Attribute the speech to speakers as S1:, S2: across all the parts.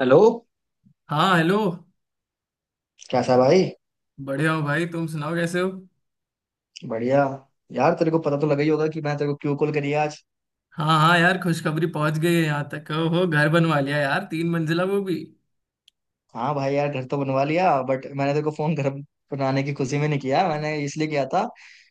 S1: Hello.
S2: हाँ hello.
S1: कैसा भाई।
S2: बढ़िया हो भाई तुम सुनाओ कैसे हो।
S1: बढ़िया। यार तेरे को पता तो लगा ही होगा कि मैंने तेरे को क्यों कॉल करी आज।
S2: हाँ हाँ यार खुशखबरी पहुंच गई है यहाँ तक हो घर बनवा लिया यार 3 मंजिला वो भी।
S1: हाँ भाई, यार घर तो बनवा लिया बट मैंने तेरे को फोन घर बनाने की खुशी में नहीं किया, मैंने इसलिए किया था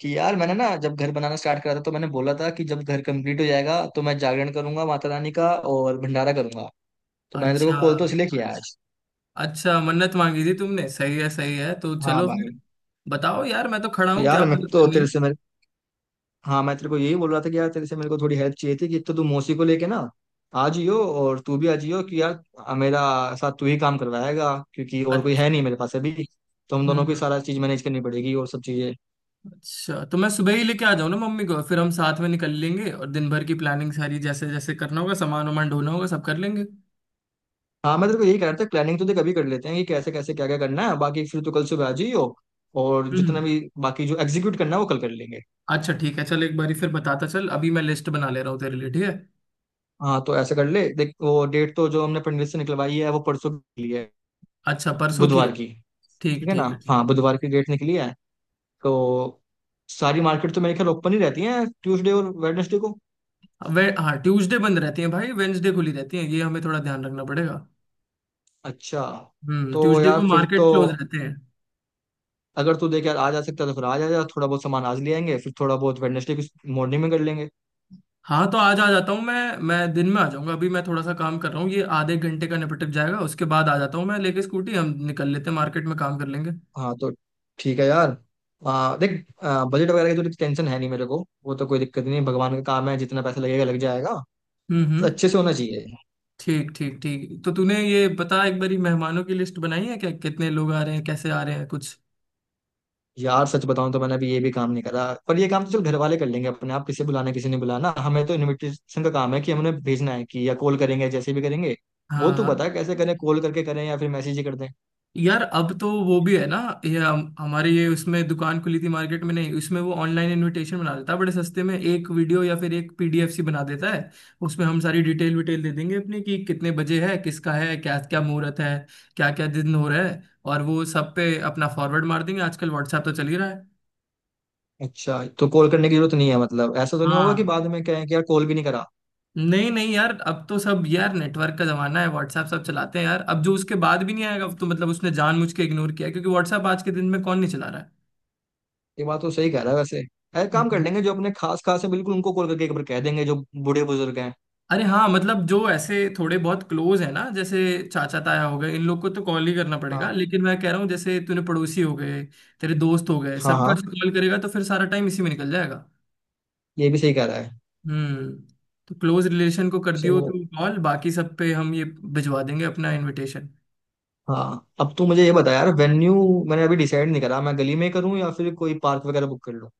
S1: कि यार मैंने ना जब घर बनाना स्टार्ट करा था तो मैंने बोला था कि जब घर कंप्लीट हो जाएगा तो मैं जागरण करूंगा माता रानी का और भंडारा करूंगा। तो मैंने तेरे
S2: अच्छा
S1: को कॉल तो इसलिए किया आज। अच्छा।
S2: अच्छा मन्नत मांगी थी तुमने सही है तो
S1: हाँ
S2: चलो
S1: भाई,
S2: फिर बताओ यार मैं तो खड़ा हूँ क्या
S1: यार मैं
S2: मदद
S1: तो
S2: करनी है।
S1: तेरे से, हाँ मैं तेरे को यही बोल रहा था कि यार तेरे से मेरे को थोड़ी हेल्प चाहिए थी कि एक तो तू मौसी को लेके ना आ जियो, और तू भी आ जियो कि यार मेरा साथ तू ही काम करवाएगा, क्योंकि और कोई है
S2: अच्छा।
S1: नहीं मेरे पास अभी। तो हम
S2: हम्म
S1: दोनों को ही
S2: हम्म,
S1: सारा चीज मैनेज करनी पड़ेगी और सब चीजें।
S2: अच्छा तो मैं सुबह ही लेके आ जाऊँ ना मम्मी को फिर हम साथ में निकल लेंगे और दिन भर की प्लानिंग सारी जैसे जैसे करना होगा सामान वामान ढोना होगा सब कर लेंगे।
S1: हाँ मैं तेरे को यही कह रहा था, प्लानिंग तो देख अभी कर लेते हैं कि कैसे कैसे क्या क्या करना है, बाकी फिर तू कल सुबह आ जियो, और जितना
S2: हम्म।
S1: भी बाकी जो एग्जीक्यूट करना है वो कल कर लेंगे।
S2: अच्छा ठीक है चल एक बारी फिर बताता चल अभी मैं लिस्ट बना ले रहा हूँ तेरे लिए ठीक है।
S1: हाँ तो ऐसा कर ले, देख वो डेट तो जो हमने पंडित से निकलवाई है वो परसों के लिए है,
S2: अच्छा परसों की है।
S1: बुधवार की। ठीक
S2: ठीक
S1: है ना।
S2: ठीक है ठीक।
S1: हाँ बुधवार की डेट निकली है। तो सारी मार्केट तो मेरे ख्याल ओपन ही रहती है ट्यूसडे और वेडनेसडे को।
S2: वे हाँ ट्यूसडे बंद रहती है भाई वेंसडे खुली रहती है ये हमें थोड़ा ध्यान रखना पड़ेगा।
S1: अच्छा। तो
S2: ट्यूसडे
S1: यार
S2: को
S1: फिर तो,
S2: मार्केट क्लोज रहते हैं।
S1: अगर तू देख यार आज आ सकता है तो फिर आज आ जा, थोड़ा बहुत सामान आज ले आएंगे, फिर थोड़ा बहुत वेडनेसडे की मॉर्निंग में कर लेंगे।
S2: हाँ तो आज आ जाता हूँ मैं दिन में आ जाऊंगा अभी मैं थोड़ा सा काम कर रहा हूँ ये आधे घंटे का निपट जाएगा उसके बाद आ जाता हूँ मैं लेके स्कूटी हम निकल लेते हैं मार्केट में काम कर लेंगे।
S1: हाँ तो ठीक है यार। देख बजट वगैरह की तो टेंशन है नहीं मेरे को, वो तो कोई दिक्कत नहीं, भगवान का काम है, जितना पैसा लगेगा लग जाएगा। बस
S2: हम्म।
S1: अच्छे से होना चाहिए।
S2: ठीक ठीक ठीक तो तूने ये बता एक बारी मेहमानों की लिस्ट बनाई है क्या कितने लोग आ रहे हैं कैसे आ रहे हैं कुछ।
S1: यार सच बताऊं तो मैंने अभी ये भी काम नहीं करा, पर ये काम तो चल घर वाले कर लेंगे अपने आप, किसे बुलाना किसी ने बुलाना, हमें तो इनविटेशन का काम है कि हमने भेजना है कि या कॉल करेंगे जैसे भी करेंगे। वो तू
S2: हाँ
S1: बता कैसे करें, कॉल करके करें या फिर मैसेज ही कर दें।
S2: यार अब तो वो भी है ना। ये हमारे ये उसमें दुकान खुली थी मार्केट में नहीं उसमें वो ऑनलाइन इनविटेशन बना देता है बड़े सस्ते में एक वीडियो या फिर एक पीडीएफ सी बना देता है। उसमें हम सारी डिटेल विटेल दे देंगे अपनी कि कितने बजे है किसका है क्या क्या मुहूर्त है क्या क्या दिन हो रहा है और वो सब पे अपना फॉरवर्ड मार देंगे आजकल व्हाट्सएप तो चल ही रहा है।
S1: अच्छा तो कॉल करने की जरूरत नहीं है, मतलब ऐसा तो नहीं होगा कि
S2: हाँ।
S1: बाद में कहें कि यार कॉल भी नहीं करा।
S2: नहीं नहीं यार अब तो सब यार नेटवर्क का जमाना है व्हाट्सएप सब चलाते हैं यार अब जो उसके बाद भी नहीं आएगा अब तो मतलब उसने जानबूझ के इग्नोर किया है, क्योंकि व्हाट्सएप आज के दिन में कौन नहीं चला रहा
S1: ये बात तो सही कह रहा है वैसे। एक
S2: है।
S1: काम कर लेंगे जो अपने खास खास है बिल्कुल उनको कॉल करके एक बार कह देंगे, जो बूढ़े बुजुर्ग हैं।
S2: अरे हाँ मतलब जो ऐसे थोड़े बहुत क्लोज है ना जैसे चाचा ताया हो गए इन लोग को तो कॉल ही करना पड़ेगा
S1: हाँ
S2: लेकिन मैं कह रहा हूँ जैसे तूने पड़ोसी हो गए तेरे दोस्त हो गए
S1: हाँ
S2: सबका
S1: हाँ,
S2: कॉल करेगा तो फिर सारा टाइम इसी में निकल जाएगा।
S1: ये भी सही कह रहा है।
S2: हम्म। तो क्लोज रिलेशन को कर
S1: सो
S2: दियो तू कॉल बाकी सब पे हम ये भिजवा देंगे अपना इनविटेशन।
S1: हाँ, अब तू मुझे ये बता यार वेन्यू, मैंने अभी डिसाइड नहीं करा मैं गली में करूँ या फिर कोई पार्क वगैरह बुक कर लूँ।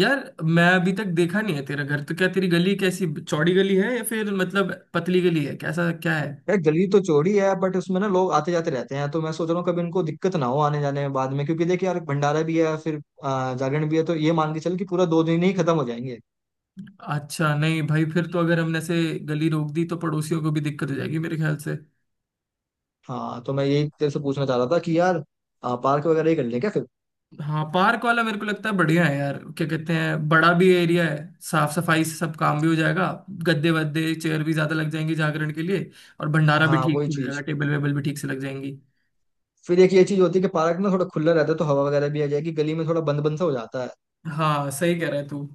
S2: यार मैं अभी तक देखा नहीं है तेरा घर तो क्या तेरी गली कैसी चौड़ी गली है या फिर मतलब पतली गली है कैसा क्या है।
S1: यार गली तो चौड़ी है, बट उसमें ना लोग आते जाते रहते हैं तो मैं सोच रहा हूँ कभी इनको दिक्कत ना हो आने जाने में बाद में, क्योंकि देख यार भंडारा भी है, फिर जागरण भी है, तो ये मान के चल कि पूरा 2 दिन ही खत्म हो जाएंगे।
S2: अच्छा नहीं भाई फिर तो अगर हमने से गली रोक दी तो पड़ोसियों को भी दिक्कत हो जाएगी मेरे ख्याल से।
S1: हाँ तो मैं यही तेरे से पूछना चाह रहा था कि यार पार्क वगैरह ही कर लें क्या फिर।
S2: हाँ पार्क वाला मेरे को लगता है बढ़िया है यार क्या कहते हैं बड़ा भी एरिया है साफ सफाई से सब काम भी हो जाएगा गद्दे वद्दे चेयर भी ज्यादा लग जाएंगी जागरण के लिए और भंडारा भी
S1: हाँ
S2: ठीक
S1: वही
S2: से हो जाएगा
S1: चीज,
S2: टेबल वेबल भी ठीक से लग जाएंगी।
S1: फिर एक ये चीज होती है कि पार्क ना थोड़ा खुला रहता है तो हवा वगैरह भी आ जाएगी, गली में थोड़ा बंद बंद सा हो जाता है।
S2: हाँ सही कह रहा है तू।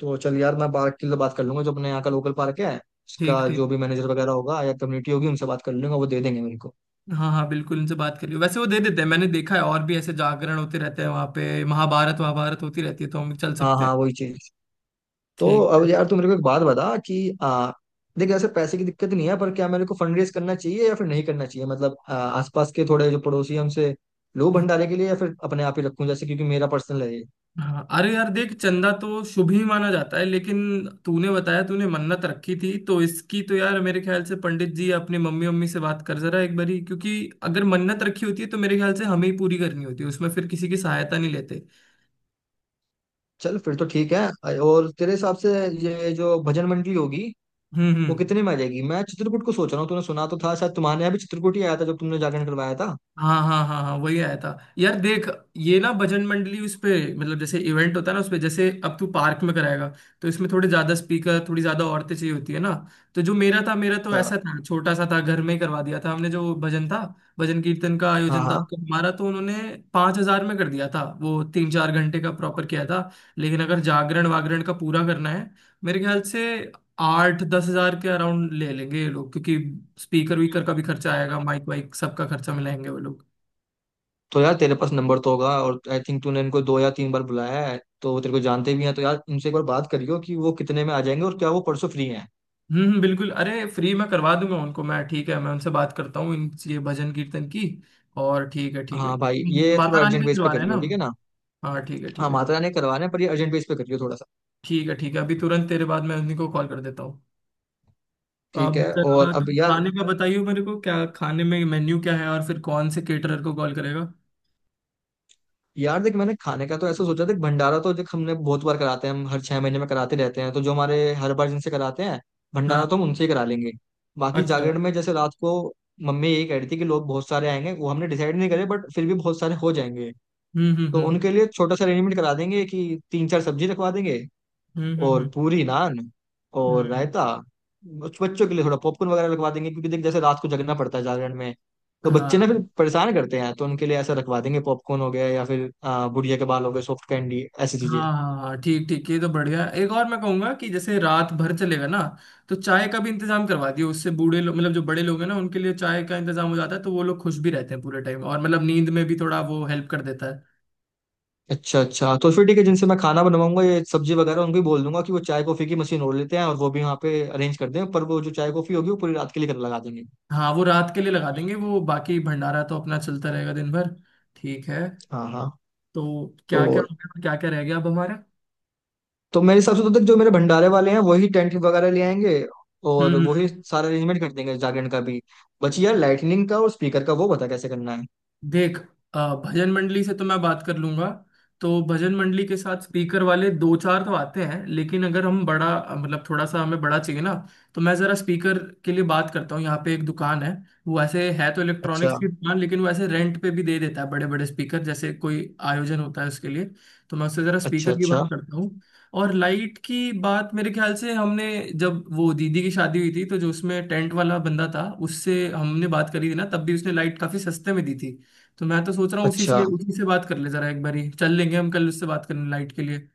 S1: तो चल यार मैं पार्क की तो बात कर लूंगा, जो अपने यहाँ का लोकल पार्क है
S2: ठीक
S1: उसका जो
S2: ठीक।
S1: भी मैनेजर वगैरह होगा या कम्युनिटी होगी उनसे बात कर लूंगा, वो दे देंगे मेरे को।
S2: हाँ हाँ बिल्कुल उनसे बात कर लियो वैसे वो दे देते हैं मैंने देखा है और भी ऐसे जागरण होते रहते हैं वहाँ पे महाभारत वहाभारत होती रहती है तो हम चल
S1: हाँ
S2: सकते हैं।
S1: हाँ वही चीज। तो
S2: ठीक
S1: अब यार तू मेरे को एक बात बता कि आ, देख ऐसे पैसे की दिक्कत नहीं है, पर क्या मेरे को फंड रेज करना चाहिए या फिर नहीं करना चाहिए, मतलब आसपास के थोड़े जो पड़ोसी हैं उनसे लो
S2: है।
S1: भंडारे के लिए या फिर अपने आप ही रखूं जैसे, क्योंकि मेरा पर्सनल है ये।
S2: हाँ अरे यार देख चंदा तो शुभ ही माना जाता है लेकिन तूने बताया तूने मन्नत रखी थी तो इसकी तो यार मेरे ख्याल से पंडित जी अपनी मम्मी मम्मी से बात कर जरा एक बारी क्योंकि अगर मन्नत रखी होती है तो मेरे ख्याल से हमें ही पूरी करनी होती है उसमें फिर किसी की सहायता नहीं लेते।
S1: चल फिर तो ठीक है। और तेरे हिसाब से ये जो भजन मंडली होगी वो
S2: हम्म।
S1: कितने में आ जाएगी, मैं चित्रकूट को सोच रहा हूँ, तूने सुना तो था शायद, तुम्हारे यहाँ भी चित्रकूट ही आया था जब तुमने जागरण करवाया था।
S2: हाँ हाँ हाँ हाँ वही आया था। यार देख ये ना भजन मंडली उस पे मतलब जैसे इवेंट होता है ना उस पे जैसे अब तू पार्क में कराएगा तो इसमें थोड़े ज्यादा स्पीकर थोड़ी ज्यादा औरतें चाहिए होती है ना तो जो मेरा था मेरा तो
S1: अच्छा।
S2: ऐसा था छोटा सा था घर में ही करवा दिया था हमने जो भजन था भजन कीर्तन का
S1: हाँ
S2: आयोजन था
S1: हाँ।
S2: तो हमारा तो उन्होंने 5,000 में कर दिया था वो 3-4 घंटे का प्रॉपर किया था। लेकिन अगर जागरण वागरण का पूरा करना है मेरे ख्याल से 8-10 हज़ार के अराउंड ले लेंगे ये लोग क्योंकि स्पीकर वीकर का भी खर्चा आएगा माइक वाइक सबका खर्चा मिलाएंगे वो लोग।
S1: तो यार तेरे पास नंबर तो होगा, और आई थिंक तूने इनको दो या तीन बार बुलाया है तो वो तेरे को जानते भी हैं, तो यार उनसे एक बार बात करियो कि वो कितने में आ जाएंगे और क्या वो परसों फ्री हैं।
S2: बिल्कुल अरे फ्री में करवा दूंगा उनको मैं ठीक है मैं उनसे बात करता हूँ इन ये भजन कीर्तन की। और ठीक
S1: हाँ भाई
S2: है
S1: ये
S2: माता
S1: थोड़ा
S2: रानी
S1: अर्जेंट
S2: का
S1: बेस पे
S2: दिलवा रहे हैं ना
S1: करियो, ठीक है
S2: हम?
S1: ना।
S2: हाँ ठीक है
S1: हाँ
S2: ठीक है
S1: माता
S2: ठीक।
S1: रानी करवाना है पर ये अर्जेंट बेस पे करियो थोड़ा सा।
S2: ठीक है अभी तुरंत तेरे बाद मैं उन्हीं को कॉल कर देता हूँ।
S1: ठीक
S2: अब
S1: है। और
S2: जरा
S1: अब
S2: तुम
S1: यार,
S2: खाने का बताइए मेरे को क्या खाने में मेन्यू क्या है और फिर कौन से केटरर को कॉल करेगा।
S1: यार देख मैंने खाने का तो ऐसा सोचा, देख भंडारा तो देख हमने बहुत बार कराते हैं, हम हर 6 महीने में कराते रहते हैं, तो जो हमारे हर बार जिनसे कराते हैं
S2: हाँ।
S1: भंडारा तो हम उनसे ही करा लेंगे। बाकी
S2: अच्छा।
S1: जागरण में जैसे रात को मम्मी यही कह रही थी कि लोग बहुत सारे आएंगे, वो हमने डिसाइड नहीं करे बट फिर भी बहुत सारे हो जाएंगे, तो
S2: हम्म।
S1: उनके लिए छोटा सा अरेंजमेंट करा देंगे कि तीन चार सब्जी रखवा देंगे,
S2: हम्म
S1: और
S2: हम्म
S1: पूरी नान
S2: हम्म
S1: और
S2: हम्म,
S1: रायता। बच्चों के लिए थोड़ा पॉपकॉर्न वगैरह रखवा देंगे, क्योंकि देख जैसे रात को जगना पड़ता है जागरण में तो बच्चे
S2: हाँ
S1: ना फिर परेशान करते हैं, तो उनके लिए ऐसा रखवा देंगे, पॉपकॉर्न हो गया या फिर गुड़िया के बाल हो गए, सॉफ्ट कैंडी ऐसी चीजें।
S2: हाँ हाँ हाँ, ठीक ठीक ये तो बढ़िया है। एक और मैं कहूंगा कि जैसे रात भर चलेगा ना तो चाय का भी इंतजाम करवा दियो उससे बूढ़े लोग मतलब जो बड़े लोग हैं ना उनके लिए चाय का इंतजाम हो जाता है तो वो लोग खुश भी रहते हैं पूरे टाइम और मतलब नींद में भी थोड़ा वो हेल्प कर देता है।
S1: अच्छा अच्छा, तो फिर ठीक है, जिनसे मैं खाना बनवाऊंगा ये सब्जी वगैरह उनको भी बोल दूंगा कि वो चाय कॉफी की मशीन और लेते हैं और वो भी वहाँ पे अरेंज कर दें, पर वो जो चाय कॉफी होगी वो पूरी रात के लिए कर लगा देंगे।
S2: हाँ वो रात के लिए लगा देंगे वो बाकी भंडारा तो अपना चलता रहेगा दिन भर। ठीक है।
S1: हाँ हाँ।
S2: तो
S1: तो
S2: क्या क्या हो गया क्या क्या रह गया अब हमारा।
S1: तो मेरे हिसाब से तो तक जो मेरे भंडारे वाले हैं वही टेंट वगैरह ले आएंगे,
S2: हम्म
S1: और
S2: हम्म।
S1: वही सारा अरेंजमेंट कर देंगे जागरण का भी। बची यार लाइटनिंग का और स्पीकर का, वो बता कैसे करना है।
S2: देख भजन मंडली से तो मैं बात कर लूंगा तो भजन मंडली के साथ स्पीकर वाले दो चार तो आते हैं लेकिन अगर हम बड़ा मतलब थोड़ा सा हमें बड़ा चाहिए ना तो मैं जरा स्पीकर के लिए बात करता हूँ यहाँ पे एक दुकान है वो ऐसे है तो
S1: अच्छा
S2: इलेक्ट्रॉनिक्स की दुकान लेकिन वो ऐसे रेंट पे भी दे देता है बड़े बड़े स्पीकर जैसे कोई आयोजन होता है उसके लिए तो मैं उससे जरा
S1: अच्छा
S2: स्पीकर की
S1: अच्छा
S2: बात करता हूँ और लाइट की बात मेरे ख्याल से हमने जब वो दीदी की शादी हुई थी तो जो उसमें टेंट वाला बंदा था उससे हमने बात करी थी ना तब भी उसने लाइट काफी सस्ते में दी थी तो मैं तो सोच रहा हूँ
S1: अच्छा।
S2: उसी से बात कर ले जरा एक बारी चल लेंगे हम कल उससे बात करने लाइट के लिए।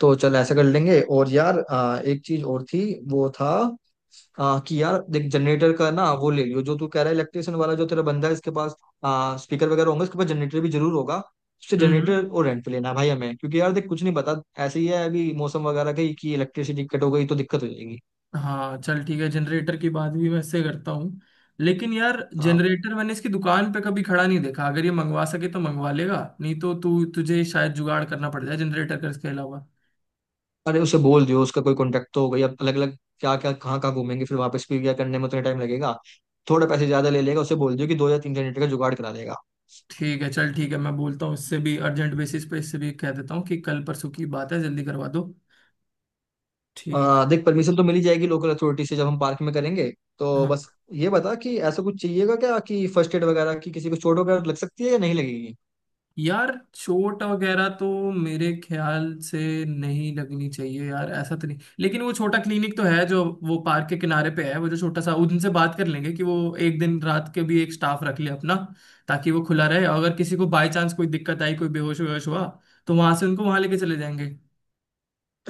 S1: तो चल ऐसा कर लेंगे। और यार एक चीज और थी, वो था कि यार देख जनरेटर का ना वो ले लियो, जो तू कह रहा है इलेक्ट्रिशियन वाला जो तेरा बंदा है इसके पास स्पीकर वगैरह होंगे, उसके पास जनरेटर भी जरूर होगा। उससे
S2: हम्म हम्म।
S1: जनरेटर और रेंट पे लेना है भाई हमें, क्योंकि यार देख कुछ नहीं पता ऐसे ही है अभी मौसम वगैरह का ही, कि इलेक्ट्रिसिटी कट हो गई तो दिक्कत हो जाएगी।
S2: हाँ चल ठीक है जनरेटर की बात भी मैं इससे करता हूँ लेकिन यार जनरेटर मैंने इसकी दुकान पे कभी खड़ा नहीं देखा अगर ये मंगवा सके तो मंगवा लेगा नहीं तो तू तुझे शायद जुगाड़ करना पड़ जाए जनरेटर का इसके अलावा।
S1: अरे उसे बोल दियो, उसका कोई कांटेक्ट तो हो गई, अब अलग अलग क्या क्या कहाँ कहाँ घूमेंगे, फिर वापस भी क्या करने में उतना टाइम लगेगा। थोड़े पैसे ज्यादा ले लेगा, उसे बोल दियो कि दो या तीन जनरेटर का जुगाड़ करा देगा।
S2: ठीक है चल ठीक है मैं बोलता हूँ इससे भी अर्जेंट बेसिस पे इससे भी कह देता हूँ कि कल परसों की बात है जल्दी करवा दो। ठीक
S1: देख परमिशन तो मिल ही जाएगी लोकल अथॉरिटी से जब हम पार्क में करेंगे, तो
S2: है,
S1: बस ये बता कि ऐसा कुछ चाहिएगा क्या कि फर्स्ट एड वगैरह की, किसी को चोट वगैरह लग सकती है या नहीं लगेगी।
S2: यार चोट वगैरह तो मेरे ख्याल से नहीं लगनी चाहिए यार ऐसा तो नहीं लेकिन वो छोटा क्लिनिक तो है जो वो पार्क के किनारे पे है वो जो छोटा सा उनसे बात कर लेंगे कि वो एक दिन रात के भी एक स्टाफ रख ले अपना ताकि वो खुला रहे और अगर किसी को बाय चांस कोई दिक्कत आई कोई बेहोश वेहोश हुआ तो वहां से उनको वहां लेके चले जाएंगे।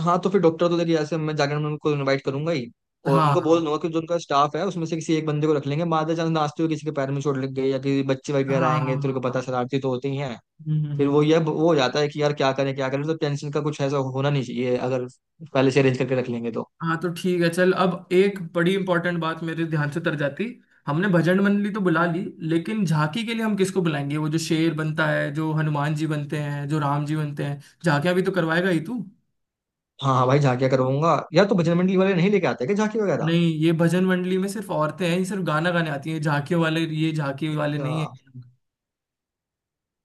S1: हाँ तो फिर डॉक्टर तो देखिए ऐसे मैं जाकर मैं उनको इनवाइट करूंगा ही, और
S2: हाँ
S1: उनको
S2: हाँ
S1: बोल दूंगा कि जो उनका स्टाफ है उसमें से किसी एक बंदे को रख लेंगे, बाय चांस नाचते हुए किसी के पैर में चोट लग गई या किसी बच्चे
S2: हाँ
S1: वगैरह आएंगे,
S2: हाँ
S1: तो उनको
S2: हाँ
S1: पता
S2: हाँ।
S1: शरारती तो होते ही हैं।
S2: हम्म हम्म
S1: फिर
S2: हम्म।
S1: वो ये वो हो जाता है कि यार क्या करें क्या करें, तो टेंशन का कुछ ऐसा होना नहीं चाहिए, अगर पहले से अरेंज करके रख लेंगे तो।
S2: हाँ तो ठीक है चल अब एक बड़ी इंपॉर्टेंट बात मेरे ध्यान से तर जाती हमने भजन मंडली तो बुला ली लेकिन झांकी के लिए हम किसको बुलाएंगे वो जो शेर बनता है जो हनुमान जी बनते हैं जो राम जी बनते हैं झांकियां भी तो करवाएगा ही तू।
S1: हाँ हाँ भाई झांकिया करवाऊंगा यार, तो बजरंग मंडली वाले नहीं लेके आते क्या झांकी वगैरह।
S2: नहीं ये भजन मंडली में सिर्फ औरतें हैं ये सिर्फ गाना गाने आती हैं झांकियों वाले ये झांकी वाले
S1: अच्छा,
S2: नहीं है।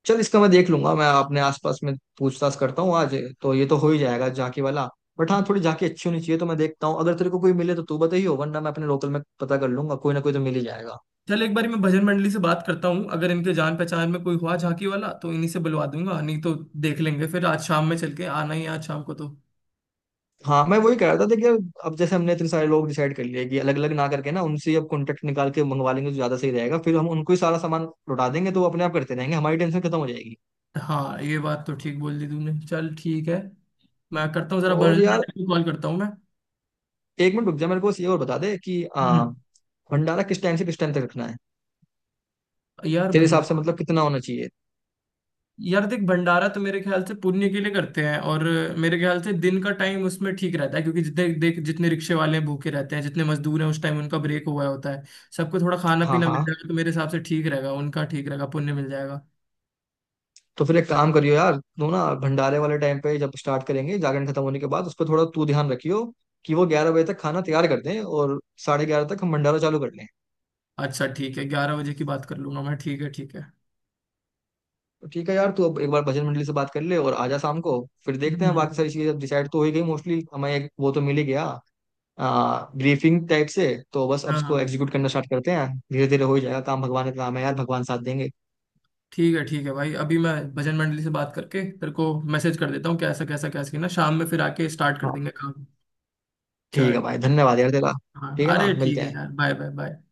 S1: चल इसका मैं देख लूंगा, मैं अपने आसपास में पूछताछ करता हूँ आज, तो ये तो हो ही जाएगा झांकी वाला, बट हाँ थोड़ी झांकी अच्छी होनी चाहिए, तो मैं देखता हूँ अगर तेरे को कोई मिले तो तू बताइयो, वरना मैं अपने लोकल में पता कर लूंगा, कोई ना कोई तो मिल ही जाएगा।
S2: चल एक बार मैं भजन मंडली से बात करता हूँ अगर इनके जान पहचान में कोई हुआ झांकी वाला तो इन्हीं से बुलवा दूंगा नहीं तो देख लेंगे फिर आज शाम में चल के आना ही है आज शाम को तो।
S1: हाँ मैं वही कह रहा था, देखिए अब जैसे हमने इतने सारे लोग डिसाइड कर लिए कि अलग अलग ना करके ना उनसे ही अब कॉन्टेक्ट निकाल के मंगवा लेंगे तो ज्यादा सही रहेगा, फिर हम उनको ही सारा सामान लौटा देंगे तो वो अपने आप करते रहेंगे, हमारी टेंशन खत्म हो जाएगी।
S2: हाँ ये बात तो ठीक बोल दी तूने चल ठीक है मैं करता हूँ जरा
S1: और
S2: भजन
S1: यार
S2: मंडल को कॉल करता हूँ मैं।
S1: एक मिनट रुक जा, मेरे को बस ये और बता दे कि
S2: हम्म।
S1: भंडारा किस टाइम से किस टाइम तक रखना है,
S2: यार
S1: तेरे हिसाब से
S2: भंडारा
S1: मतलब कितना होना चाहिए।
S2: यार देख भंडारा तो मेरे ख्याल से पुण्य के लिए करते हैं और मेरे ख्याल से दिन का टाइम उसमें ठीक रहता है क्योंकि जितने देख जितने रिक्शे वाले हैं भूखे रहते हैं जितने मजदूर हैं उस टाइम उनका ब्रेक हुआ होता है सबको थोड़ा खाना
S1: हाँ
S2: पीना मिल
S1: हाँ।
S2: जाएगा तो मेरे हिसाब से ठीक रहेगा उनका ठीक रहेगा पुण्य मिल जाएगा।
S1: तो फिर एक काम करियो यार, तू ना भंडारे वाले टाइम पे जब स्टार्ट करेंगे जागरण खत्म होने के बाद उस पर थोड़ा तू ध्यान रखियो कि वो 11 बजे तक खाना तैयार कर दें, और साढ़े 11 तक हम भंडारा चालू कर लें।
S2: अच्छा ठीक है 11 बजे की बात कर लूंगा मैं ठीक है ठीक है।
S1: तो ठीक है यार, तू अब एक बार बजट मंडली से बात कर ले और आजा शाम को, फिर देखते हैं
S2: हम्म।
S1: बाकी सारी चीजें डिसाइड तो हो ही गई मोस्टली हमें, एक वो तो मिल ही गया, ब्रीफिंग टाइप से। तो बस अब
S2: हाँ
S1: उसको एग्जीक्यूट करना स्टार्ट करते हैं। धीरे धीरे हो ही जाएगा काम, भगवान का काम है यार, भगवान साथ देंगे।
S2: ठीक है भाई अभी मैं भजन मंडली से बात करके तेरे को मैसेज कर देता हूँ कैसा कैसा कैसा ना शाम में फिर आके स्टार्ट कर
S1: हाँ
S2: देंगे काम।
S1: ठीक है
S2: चल।
S1: भाई, धन्यवाद यार तेरा।
S2: हाँ
S1: ठीक है
S2: अरे
S1: ना,
S2: ठीक
S1: मिलते
S2: है
S1: हैं।
S2: यार बाय बाय बाय।